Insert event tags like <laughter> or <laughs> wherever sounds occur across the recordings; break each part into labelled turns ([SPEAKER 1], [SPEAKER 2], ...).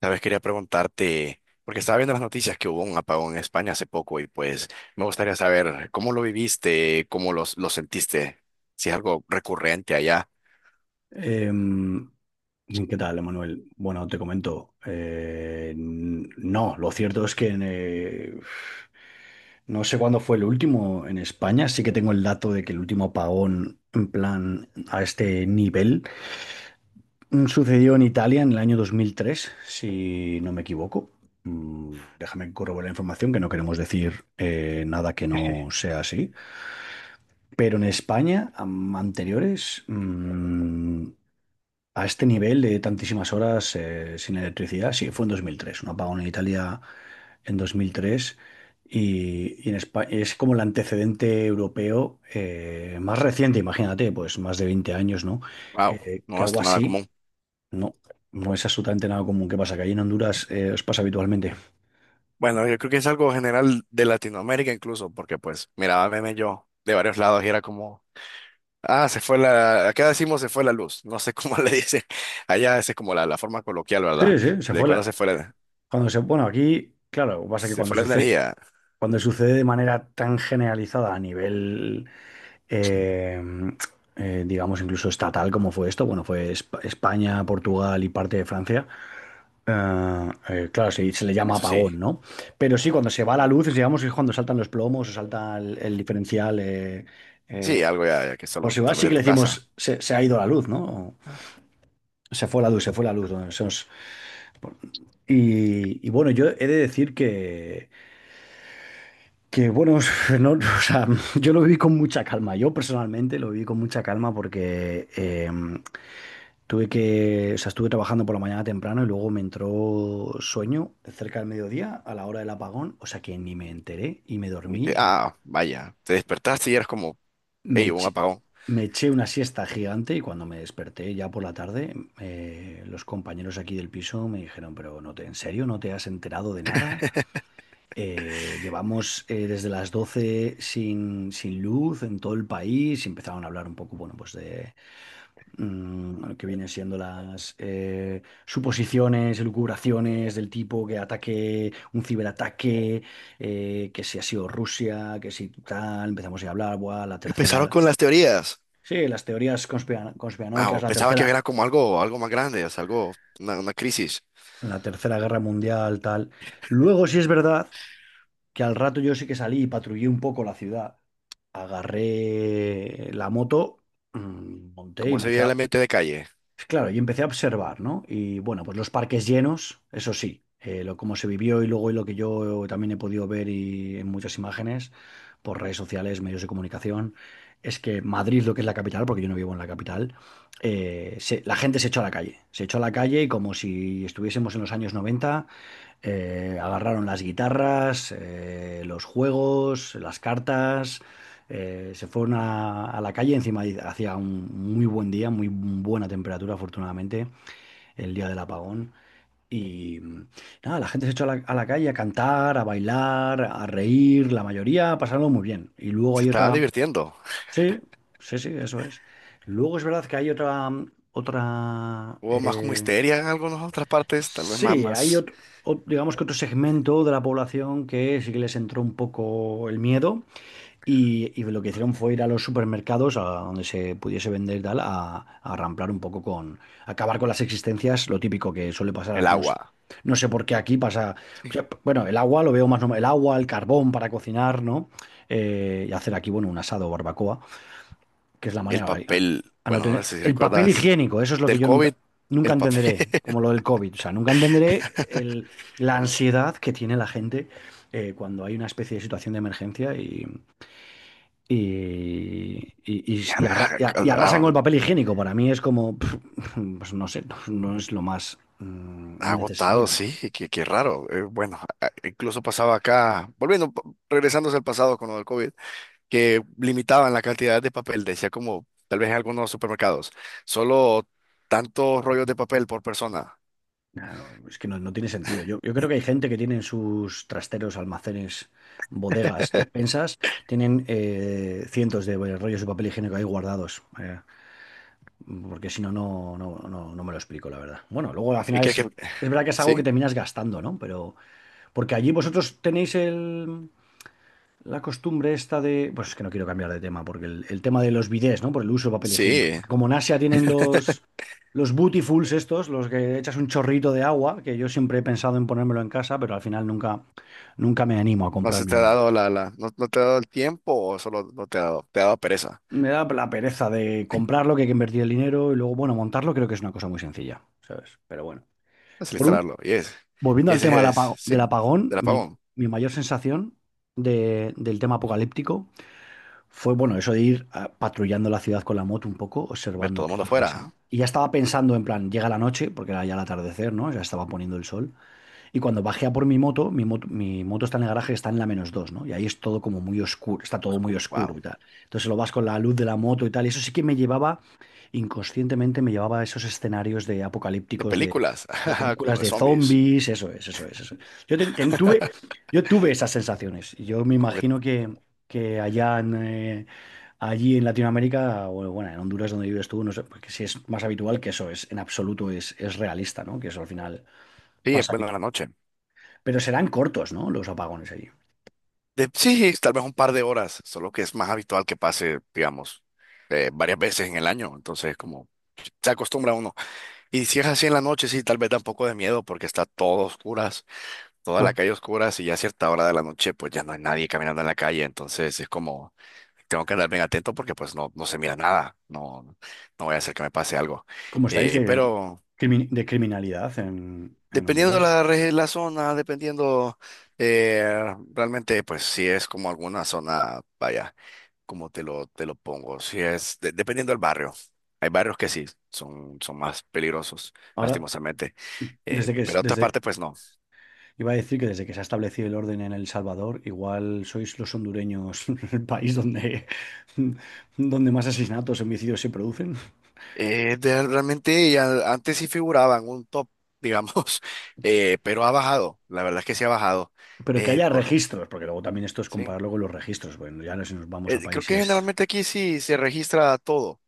[SPEAKER 1] Sabes, quería preguntarte, porque estaba viendo las noticias que hubo un apagón en España hace poco y pues me gustaría saber cómo lo viviste, cómo lo sentiste, si es algo recurrente allá.
[SPEAKER 2] Em, ¿Qué tal, Emanuel? Bueno, te comento. No, lo cierto es que no sé cuándo fue el último en España. Sí que tengo el dato de que el último apagón, en plan, a este nivel, sucedió en Italia en el año 2003, si no me equivoco. Mm. Déjame corroborar la información, que no queremos decir nada que no sea así. Pero en España, anteriores, a este nivel de tantísimas horas sin electricidad, sí, fue en 2003 un apagón en Italia en 2003, y en España es como el antecedente europeo más reciente, imagínate, pues más de 20 años, ¿no?
[SPEAKER 1] Wow,
[SPEAKER 2] Que
[SPEAKER 1] no es
[SPEAKER 2] algo
[SPEAKER 1] nada
[SPEAKER 2] así,
[SPEAKER 1] común.
[SPEAKER 2] no, no es absolutamente nada común. ¿Qué pasa? Que allí en Honduras os pasa habitualmente.
[SPEAKER 1] Bueno, yo creo que es algo general de Latinoamérica incluso, porque pues miraba memes yo de varios lados y era como... Ah, se fue acá decimos se fue la luz, no sé cómo <laughs> le dicen, allá esa es como la forma coloquial, ¿verdad?
[SPEAKER 2] Sí, sí, se
[SPEAKER 1] De
[SPEAKER 2] fue
[SPEAKER 1] cuando
[SPEAKER 2] la...
[SPEAKER 1] se fue la.
[SPEAKER 2] Bueno, aquí, claro, lo que pasa es que
[SPEAKER 1] Se fue la energía,
[SPEAKER 2] cuando sucede de manera tan generalizada a nivel eh, digamos, incluso estatal, como fue esto. Bueno, fue España, Portugal y parte de Francia. Claro, se le llama
[SPEAKER 1] eso sí.
[SPEAKER 2] apagón, ¿no? Pero sí, cuando se va la luz, digamos, es cuando saltan los plomos o salta el diferencial.
[SPEAKER 1] Sí,
[SPEAKER 2] Eh,
[SPEAKER 1] algo ya que
[SPEAKER 2] por
[SPEAKER 1] solo
[SPEAKER 2] si va,
[SPEAKER 1] tal vez
[SPEAKER 2] sí
[SPEAKER 1] de
[SPEAKER 2] que le
[SPEAKER 1] tu casa.
[SPEAKER 2] decimos, se ha ido la luz, ¿no? O
[SPEAKER 1] Ah,
[SPEAKER 2] se fue la luz, se fue la luz, ¿no? Y bueno, yo he de decir que, que bueno, <laughs> no, o sea, yo lo viví con mucha calma. Yo personalmente lo viví con mucha calma porque tuve que, o sea, estuve trabajando por la mañana temprano y luego me entró sueño cerca del mediodía a la hora del apagón, o sea que ni me enteré y me
[SPEAKER 1] ni te-
[SPEAKER 2] dormí.
[SPEAKER 1] ah, vaya, te despertaste y eras como,
[SPEAKER 2] Me,
[SPEAKER 1] hey, hubo un
[SPEAKER 2] ech-
[SPEAKER 1] apagón.
[SPEAKER 2] Me eché una siesta gigante y cuando me desperté ya por la tarde, los compañeros aquí del piso me dijeron, pero ¿en serio no te has enterado de nada? Llevamos desde las 12 sin luz en todo el país, y empezaron a hablar un poco, bueno, pues de lo que vienen siendo las suposiciones, elucubraciones del tipo que un ciberataque, que si ha sido Rusia, que si tal, empezamos ya a hablar, buah, la
[SPEAKER 1] Empezaron
[SPEAKER 2] tercera.
[SPEAKER 1] con las teorías.
[SPEAKER 2] Sí, las teorías
[SPEAKER 1] Ah,
[SPEAKER 2] conspiranoicas,
[SPEAKER 1] o pensaba que era como algo más grande, o sea, algo, una crisis.
[SPEAKER 2] la tercera guerra mundial, tal. Luego sí es verdad que al rato yo sí que salí y patrullé un poco la ciudad. Agarré la moto, monté y
[SPEAKER 1] ¿Cómo se
[SPEAKER 2] empecé
[SPEAKER 1] veía el
[SPEAKER 2] a...
[SPEAKER 1] ambiente de calle?
[SPEAKER 2] Claro, yo empecé a observar, ¿no? Y bueno, pues los parques llenos, eso sí, lo como se vivió, y luego, y lo que yo también he podido ver, y en muchas imágenes por redes sociales, medios de comunicación, es que Madrid, lo que es la capital, porque yo no vivo en la capital, la gente se echó a la calle, se echó a la calle y como si estuviésemos en los años 90, agarraron las guitarras, los juegos, las cartas, se fueron a la calle, encima hacía un muy buen día, muy buena temperatura, afortunadamente, el día del apagón. Y nada, la gente se echó a la calle a cantar, a bailar, a reír, la mayoría pasaron muy bien. Y luego
[SPEAKER 1] Se
[SPEAKER 2] hay
[SPEAKER 1] estaban
[SPEAKER 2] otra...
[SPEAKER 1] divirtiendo.
[SPEAKER 2] Sí, sí, sí, eso es. Luego es verdad que hay otra... otra
[SPEAKER 1] Hubo más como
[SPEAKER 2] eh,
[SPEAKER 1] histeria en algunas otras partes, tal vez
[SPEAKER 2] Sí, hay
[SPEAKER 1] más...
[SPEAKER 2] otro, digamos que otro segmento de la población que sí que les entró un poco el miedo, y lo que hicieron fue ir a los supermercados, a donde se pudiese vender y tal, a ramplar un poco con, acabar con las existencias, lo típico que suele pasar,
[SPEAKER 1] El
[SPEAKER 2] no sé,
[SPEAKER 1] agua.
[SPEAKER 2] no sé por qué aquí pasa. O sea, bueno, el agua lo veo más normal, el agua, el carbón para cocinar, ¿no? Y hacer aquí, bueno, un asado o barbacoa, que es la
[SPEAKER 1] El
[SPEAKER 2] manera,
[SPEAKER 1] papel,
[SPEAKER 2] a no
[SPEAKER 1] bueno, no
[SPEAKER 2] tener,
[SPEAKER 1] sé si
[SPEAKER 2] el papel
[SPEAKER 1] recuerdas,
[SPEAKER 2] higiénico, eso es lo que
[SPEAKER 1] del
[SPEAKER 2] yo nunca,
[SPEAKER 1] COVID,
[SPEAKER 2] nunca
[SPEAKER 1] el papel.
[SPEAKER 2] entenderé, como lo del COVID, o sea, nunca entenderé la ansiedad que tiene la gente cuando hay una especie de situación de emergencia, y, y- y- y arra- y
[SPEAKER 1] <laughs> Ya,
[SPEAKER 2] ar-
[SPEAKER 1] a-
[SPEAKER 2] y arrasan con el
[SPEAKER 1] a-
[SPEAKER 2] papel higiénico. Para mí es como, <laughs> pues no sé, no, no es lo más
[SPEAKER 1] agotado,
[SPEAKER 2] necesario, ¿no?
[SPEAKER 1] sí. Qué raro. Bueno, incluso pasaba acá, volviendo, regresándose al pasado con lo del COVID, que limitaban la cantidad de papel, decía como tal vez en algunos supermercados, solo tantos rollos de papel por persona.
[SPEAKER 2] Nah, no, es que no, no tiene sentido. Yo creo que hay gente que tiene en sus trasteros, almacenes, bodegas,
[SPEAKER 1] <laughs>
[SPEAKER 2] despensas, tienen cientos de, bueno, rollos de papel higiénico ahí guardados. Eh, porque si no, no, no, no, no me lo explico, la verdad. Bueno, luego al
[SPEAKER 1] ¿Y
[SPEAKER 2] final
[SPEAKER 1] crees que
[SPEAKER 2] es verdad que es algo que
[SPEAKER 1] sí?
[SPEAKER 2] terminas gastando, ¿no? Pero porque allí vosotros tenéis el... la costumbre esta de... Pues es que no quiero cambiar de tema, porque el tema de los bidés, ¿no? Por el uso de papel higiénico.
[SPEAKER 1] Sí,
[SPEAKER 2] Porque como en Asia tienen los bootyfuls estos, los que echas un chorrito de agua, que yo siempre he pensado en ponérmelo en casa, pero al final nunca, nunca me animo a
[SPEAKER 1] no se
[SPEAKER 2] comprarme
[SPEAKER 1] te ha
[SPEAKER 2] uno.
[SPEAKER 1] dado no, no te ha dado el tiempo o solo no te ha dado, te ha dado pereza.
[SPEAKER 2] Me da la pereza de comprarlo, que hay que invertir el dinero, y luego, bueno, montarlo creo que es una cosa muy sencilla, ¿sabes? Pero bueno. Por ul-
[SPEAKER 1] Desinstalarlo. Y es.
[SPEAKER 2] Volviendo
[SPEAKER 1] Y
[SPEAKER 2] al tema del
[SPEAKER 1] ese es, sí,
[SPEAKER 2] del apagón,
[SPEAKER 1] del
[SPEAKER 2] mi,
[SPEAKER 1] apagón.
[SPEAKER 2] mi mayor sensación del tema apocalíptico fue, bueno, eso de ir patrullando la ciudad con la moto un poco,
[SPEAKER 1] Ver
[SPEAKER 2] observando
[SPEAKER 1] todo el
[SPEAKER 2] qué es
[SPEAKER 1] mundo
[SPEAKER 2] lo que pasaba.
[SPEAKER 1] afuera.
[SPEAKER 2] Y ya estaba pensando en plan, llega la noche, porque era ya el atardecer, ¿no? Ya estaba poniendo el sol. Y cuando bajé a por mi moto está en el garaje, está en la menos dos, ¿no? Y ahí es todo como muy oscuro, está todo muy
[SPEAKER 1] Oscuro.
[SPEAKER 2] oscuro y
[SPEAKER 1] Wow.
[SPEAKER 2] tal. Entonces lo vas con la luz de la moto y tal. Y eso sí que me llevaba, inconscientemente me llevaba a esos escenarios de
[SPEAKER 1] De
[SPEAKER 2] apocalípticos
[SPEAKER 1] películas,
[SPEAKER 2] de
[SPEAKER 1] <laughs> como
[SPEAKER 2] películas
[SPEAKER 1] de
[SPEAKER 2] de
[SPEAKER 1] zombies.
[SPEAKER 2] zombies, eso es, eso es, eso es. Yo ten- ten- tuve,
[SPEAKER 1] <laughs>
[SPEAKER 2] yo tuve esas sensaciones. Y yo me
[SPEAKER 1] Como que,
[SPEAKER 2] imagino que, que allí en Latinoamérica, o bueno, en Honduras donde vives tú, no sé, porque si es más habitual, que eso es, en absoluto es realista, ¿no? Que eso al final
[SPEAKER 1] sí,
[SPEAKER 2] pasa,
[SPEAKER 1] bueno, en la noche.
[SPEAKER 2] pero serán cortos, ¿no? Los apagones allí.
[SPEAKER 1] De, sí, tal vez un par de horas, solo que es más habitual que pase, digamos, varias veces en el año. Entonces, como se acostumbra uno. Y si es así en la noche, sí, tal vez da un poco de miedo porque está todo oscuro, toda la
[SPEAKER 2] Ah,
[SPEAKER 1] calle oscura, si ya a cierta hora de la noche, pues ya no hay nadie caminando en la calle, entonces es como, tengo que andar bien atento porque pues no, no se mira nada, no, no voy a hacer que me pase algo.
[SPEAKER 2] ¿cómo estáis de,
[SPEAKER 1] Pero
[SPEAKER 2] de criminalidad en
[SPEAKER 1] dependiendo
[SPEAKER 2] Honduras?
[SPEAKER 1] la zona, dependiendo, realmente pues si es como alguna zona, vaya, como te te lo pongo, si es, dependiendo del barrio. Hay barrios que sí, son más peligrosos,
[SPEAKER 2] Ahora,
[SPEAKER 1] lastimosamente.
[SPEAKER 2] desde que es-
[SPEAKER 1] Pero otras
[SPEAKER 2] desde,
[SPEAKER 1] partes, pues no.
[SPEAKER 2] iba a decir que desde que se ha establecido el orden en El Salvador, igual sois los hondureños <laughs> el país donde, <laughs> donde más asesinatos, homicidios se producen.
[SPEAKER 1] Realmente ya antes sí figuraba en un top, digamos, <laughs> pero ha bajado, la verdad es que sí ha bajado.
[SPEAKER 2] Pero que
[SPEAKER 1] Eh,
[SPEAKER 2] haya
[SPEAKER 1] por,
[SPEAKER 2] registros, porque luego también esto es
[SPEAKER 1] sí.
[SPEAKER 2] compararlo con los registros. Bueno, ya no, si nos vamos a
[SPEAKER 1] Creo que
[SPEAKER 2] países.
[SPEAKER 1] generalmente aquí sí se registra todo.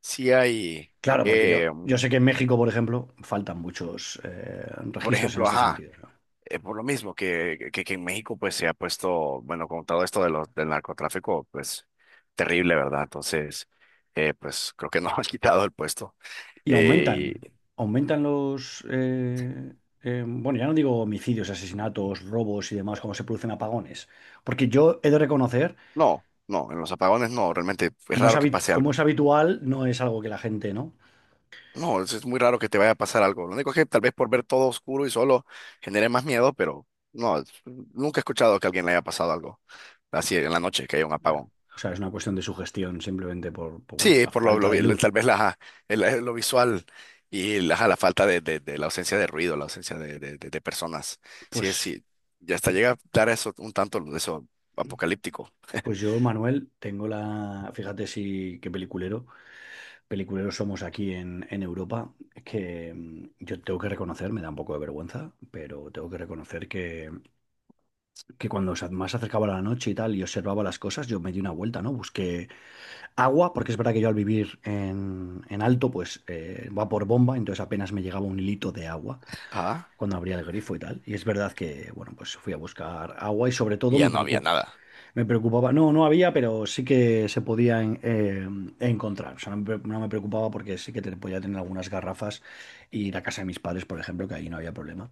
[SPEAKER 1] Sí hay,
[SPEAKER 2] Claro, porque yo,
[SPEAKER 1] eh,
[SPEAKER 2] yo sé que en México, por ejemplo, faltan muchos
[SPEAKER 1] por
[SPEAKER 2] registros en
[SPEAKER 1] ejemplo,
[SPEAKER 2] este
[SPEAKER 1] ajá,
[SPEAKER 2] sentido, ¿no?
[SPEAKER 1] por lo mismo que en México pues se ha puesto, bueno, con todo esto de los, del narcotráfico, pues terrible, ¿verdad? Entonces, pues creo que nos <laughs> han quitado el puesto.
[SPEAKER 2] Y
[SPEAKER 1] Eh,
[SPEAKER 2] aumentan,
[SPEAKER 1] y-
[SPEAKER 2] aumentan los, eh, bueno, ya no digo homicidios, asesinatos, robos y demás, como se producen apagones. Porque yo he de reconocer,
[SPEAKER 1] no, no, en los apagones no, realmente es raro que pase
[SPEAKER 2] como
[SPEAKER 1] algo.
[SPEAKER 2] es habitual, no es algo que la gente, ¿no?
[SPEAKER 1] No, es muy raro que te vaya a pasar algo. Lo único es que tal vez por ver todo oscuro y solo genere más miedo, pero no, nunca he escuchado que a alguien le haya pasado algo así en la noche, que haya un
[SPEAKER 2] Ah,
[SPEAKER 1] apagón.
[SPEAKER 2] o sea, es una cuestión de sugestión simplemente por, bueno, por
[SPEAKER 1] Sí,
[SPEAKER 2] la
[SPEAKER 1] por lo,
[SPEAKER 2] falta de luz.
[SPEAKER 1] tal vez la, lo visual y la falta de la ausencia de ruido, la ausencia de personas. Sí,
[SPEAKER 2] Pues,
[SPEAKER 1] sí, ya hasta llega a dar eso un tanto de eso apocalíptico.
[SPEAKER 2] pues yo, Manuel, tengo la, fíjate si qué peliculero, peliculeros somos aquí en Europa, que yo tengo que reconocer, me da un poco de vergüenza, pero tengo que reconocer que cuando más se acercaba la noche y tal y observaba las cosas, yo me di una vuelta, ¿no? Busqué agua, porque es verdad que yo, al vivir en alto, pues va por bomba, entonces apenas me llegaba un hilito de agua
[SPEAKER 1] Ah,
[SPEAKER 2] cuando abría el grifo y tal. Y es verdad que, bueno, pues fui a buscar agua, y sobre
[SPEAKER 1] y
[SPEAKER 2] todo me
[SPEAKER 1] ya no había nada.
[SPEAKER 2] me preocupaba, no, no había, pero sí que se podía encontrar. O sea, no me preocupaba, porque sí que te podía tener algunas garrafas y ir a casa de mis padres, por ejemplo, que ahí no había problema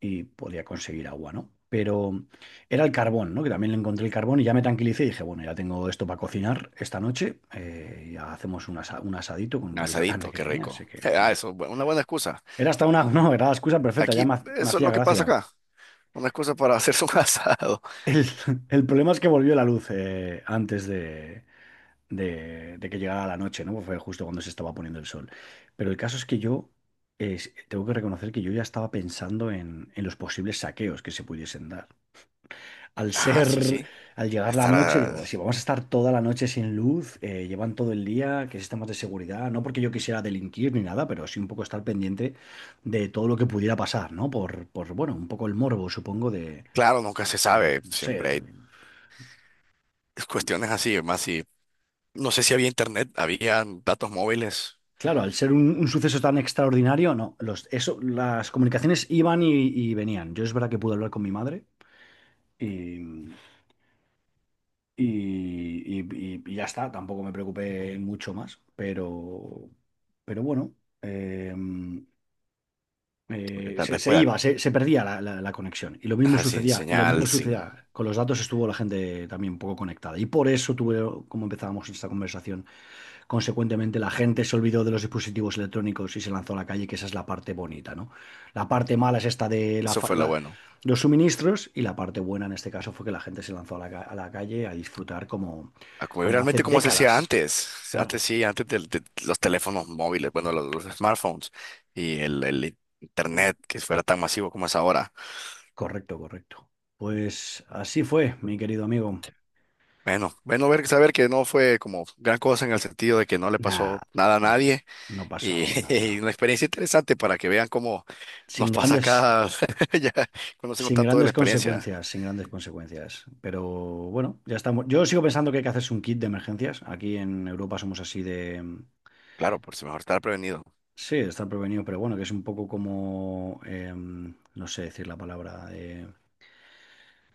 [SPEAKER 2] y podía conseguir agua, ¿no? Pero era el carbón, ¿no? Que también le encontré el carbón y ya me tranquilicé y dije, bueno, ya tengo esto para cocinar esta noche. Eh, ya hacemos un asadito con un
[SPEAKER 1] Un
[SPEAKER 2] poquito de carne
[SPEAKER 1] asadito,
[SPEAKER 2] que
[SPEAKER 1] qué
[SPEAKER 2] tenía. Así
[SPEAKER 1] rico.
[SPEAKER 2] que
[SPEAKER 1] <laughs> Ah, eso, una buena excusa.
[SPEAKER 2] era hasta una... <laughs> no, era la excusa perfecta, ya
[SPEAKER 1] Aquí,
[SPEAKER 2] me, me
[SPEAKER 1] eso es
[SPEAKER 2] hacía
[SPEAKER 1] lo que pasa
[SPEAKER 2] gracia.
[SPEAKER 1] acá. Una excusa para hacerse un <laughs> asado.
[SPEAKER 2] El, <laughs> el problema es que volvió la luz antes de, de que llegara la noche, ¿no? Pues fue justo cuando se estaba poniendo el sol. Pero el caso es que yo eh, tengo que reconocer que yo ya estaba pensando en los posibles saqueos que se pudiesen dar al
[SPEAKER 1] Ah, sí,
[SPEAKER 2] ser,
[SPEAKER 1] sí.
[SPEAKER 2] al llegar la noche.
[SPEAKER 1] Estará.
[SPEAKER 2] Digo, si vamos a estar toda la noche sin luz, llevan todo el día, que si sistemas de seguridad? No porque yo quisiera delinquir ni nada, pero sí un poco estar pendiente de todo lo que pudiera pasar, ¿no? Por bueno, un poco el morbo, supongo,
[SPEAKER 1] Claro, nunca se sabe.
[SPEAKER 2] no
[SPEAKER 1] Siempre
[SPEAKER 2] sé.
[SPEAKER 1] hay cuestiones así. Más si. No sé si había internet, había datos móviles.
[SPEAKER 2] Claro, al ser un suceso tan extraordinario, no, los, eso, las comunicaciones iban y venían. Yo es verdad que pude hablar con mi madre. Y, y ya está, tampoco me preocupé mucho más, pero, pero bueno, eh,
[SPEAKER 1] Porque tal
[SPEAKER 2] se,
[SPEAKER 1] vez
[SPEAKER 2] se
[SPEAKER 1] pueda.
[SPEAKER 2] iba, se perdía la conexión. Y lo mismo
[SPEAKER 1] Ajá, sin
[SPEAKER 2] sucedía, y lo mismo
[SPEAKER 1] señal, sin.
[SPEAKER 2] sucedía, con los datos estuvo la gente también un poco conectada. Y por eso tuve, como empezábamos esta conversación, consecuentemente, la gente se olvidó de los dispositivos electrónicos y se lanzó a la calle, que esa es la parte bonita, ¿no? La parte mala es esta de
[SPEAKER 1] Eso fue lo bueno.
[SPEAKER 2] los suministros, y la parte buena en este caso fue que la gente se lanzó a la calle a disfrutar como,
[SPEAKER 1] A como...
[SPEAKER 2] como hace
[SPEAKER 1] realmente como se hacía
[SPEAKER 2] décadas.
[SPEAKER 1] antes.
[SPEAKER 2] Claro,
[SPEAKER 1] Antes sí, antes de los teléfonos móviles, bueno, los smartphones y el internet que fuera tan masivo como es ahora.
[SPEAKER 2] correcto, correcto. Pues así fue, mi querido amigo.
[SPEAKER 1] Bueno, bueno ver, saber que no fue como gran cosa en el sentido de que no le
[SPEAKER 2] Nada,
[SPEAKER 1] pasó nada a
[SPEAKER 2] al fin,
[SPEAKER 1] nadie.
[SPEAKER 2] no
[SPEAKER 1] Y
[SPEAKER 2] pasó
[SPEAKER 1] <laughs>
[SPEAKER 2] nada.
[SPEAKER 1] una experiencia interesante para que vean cómo nos
[SPEAKER 2] Sin
[SPEAKER 1] pasa
[SPEAKER 2] grandes,
[SPEAKER 1] acá. <laughs> Ya conocemos
[SPEAKER 2] Sin
[SPEAKER 1] tanto de la
[SPEAKER 2] grandes
[SPEAKER 1] experiencia.
[SPEAKER 2] consecuencias, sin grandes consecuencias. Pero bueno, ya estamos. Yo sigo pensando que hay que hacerse un kit de emergencias. Aquí en Europa somos así de...
[SPEAKER 1] Claro, por si mejor estar prevenido.
[SPEAKER 2] Sí, de estar prevenido, pero bueno, que es un poco como... no sé decir la palabra. eh,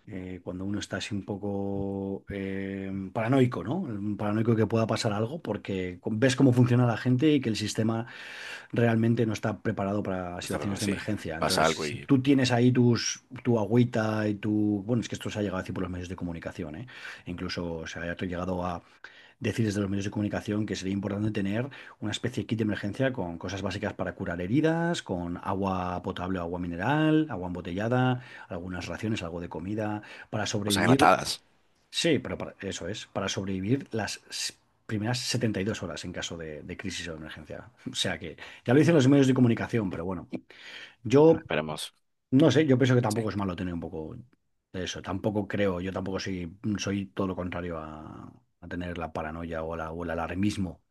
[SPEAKER 2] eh, Cuando uno está así un poco paranoico, ¿no? Un paranoico, que pueda pasar algo, porque ves cómo funciona la gente y que el sistema realmente no está preparado para situaciones
[SPEAKER 1] Está...
[SPEAKER 2] de
[SPEAKER 1] si
[SPEAKER 2] emergencia.
[SPEAKER 1] pasa
[SPEAKER 2] Entonces,
[SPEAKER 1] algo
[SPEAKER 2] si
[SPEAKER 1] y
[SPEAKER 2] tú tienes ahí tu agüita y tu... Bueno, es que esto se ha llegado a decir por los medios de comunicación, ¿eh? Incluso se ha llegado a decir desde los medios de comunicación que sería importante tener una especie de kit de emergencia con cosas básicas para curar heridas, con agua potable, agua mineral, agua embotellada, algunas raciones, algo de comida, para
[SPEAKER 1] cosas
[SPEAKER 2] sobrevivir...
[SPEAKER 1] enlatadas.
[SPEAKER 2] Sí, pero eso es, para sobrevivir las primeras 72 horas en caso de crisis o de emergencia. <laughs> O sea que ya lo dicen los medios de comunicación, pero bueno, yo
[SPEAKER 1] Esperemos.
[SPEAKER 2] no sé, yo pienso que tampoco es malo tener un poco de eso. Tampoco creo, yo tampoco soy, todo lo contrario a tener la paranoia o el alarmismo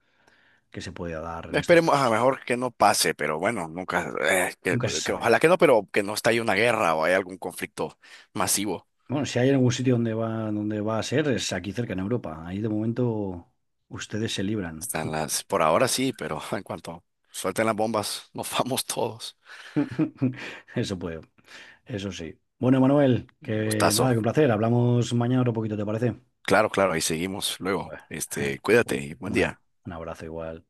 [SPEAKER 2] que se puede dar en estos
[SPEAKER 1] Esperemos, a
[SPEAKER 2] casos.
[SPEAKER 1] mejor que no pase, pero bueno, nunca,
[SPEAKER 2] Nunca se
[SPEAKER 1] que
[SPEAKER 2] sabe.
[SPEAKER 1] ojalá que no, pero que no estalle una guerra o haya algún conflicto masivo.
[SPEAKER 2] Bueno, si hay algún sitio donde va a ser, es aquí cerca en Europa. Ahí de momento ustedes se libran.
[SPEAKER 1] Están las, por ahora sí, pero <laughs> en cuanto suelten las bombas, nos vamos todos.
[SPEAKER 2] <laughs> Eso puede. Eso sí. Bueno, Manuel, que nada,
[SPEAKER 1] Gustazo.
[SPEAKER 2] que un placer. Hablamos mañana otro poquito, ¿te parece?
[SPEAKER 1] Claro, claro, ahí seguimos luego.
[SPEAKER 2] Pues,
[SPEAKER 1] Este,
[SPEAKER 2] <laughs>
[SPEAKER 1] cuídate
[SPEAKER 2] uy,
[SPEAKER 1] y buen día.
[SPEAKER 2] un abrazo igual.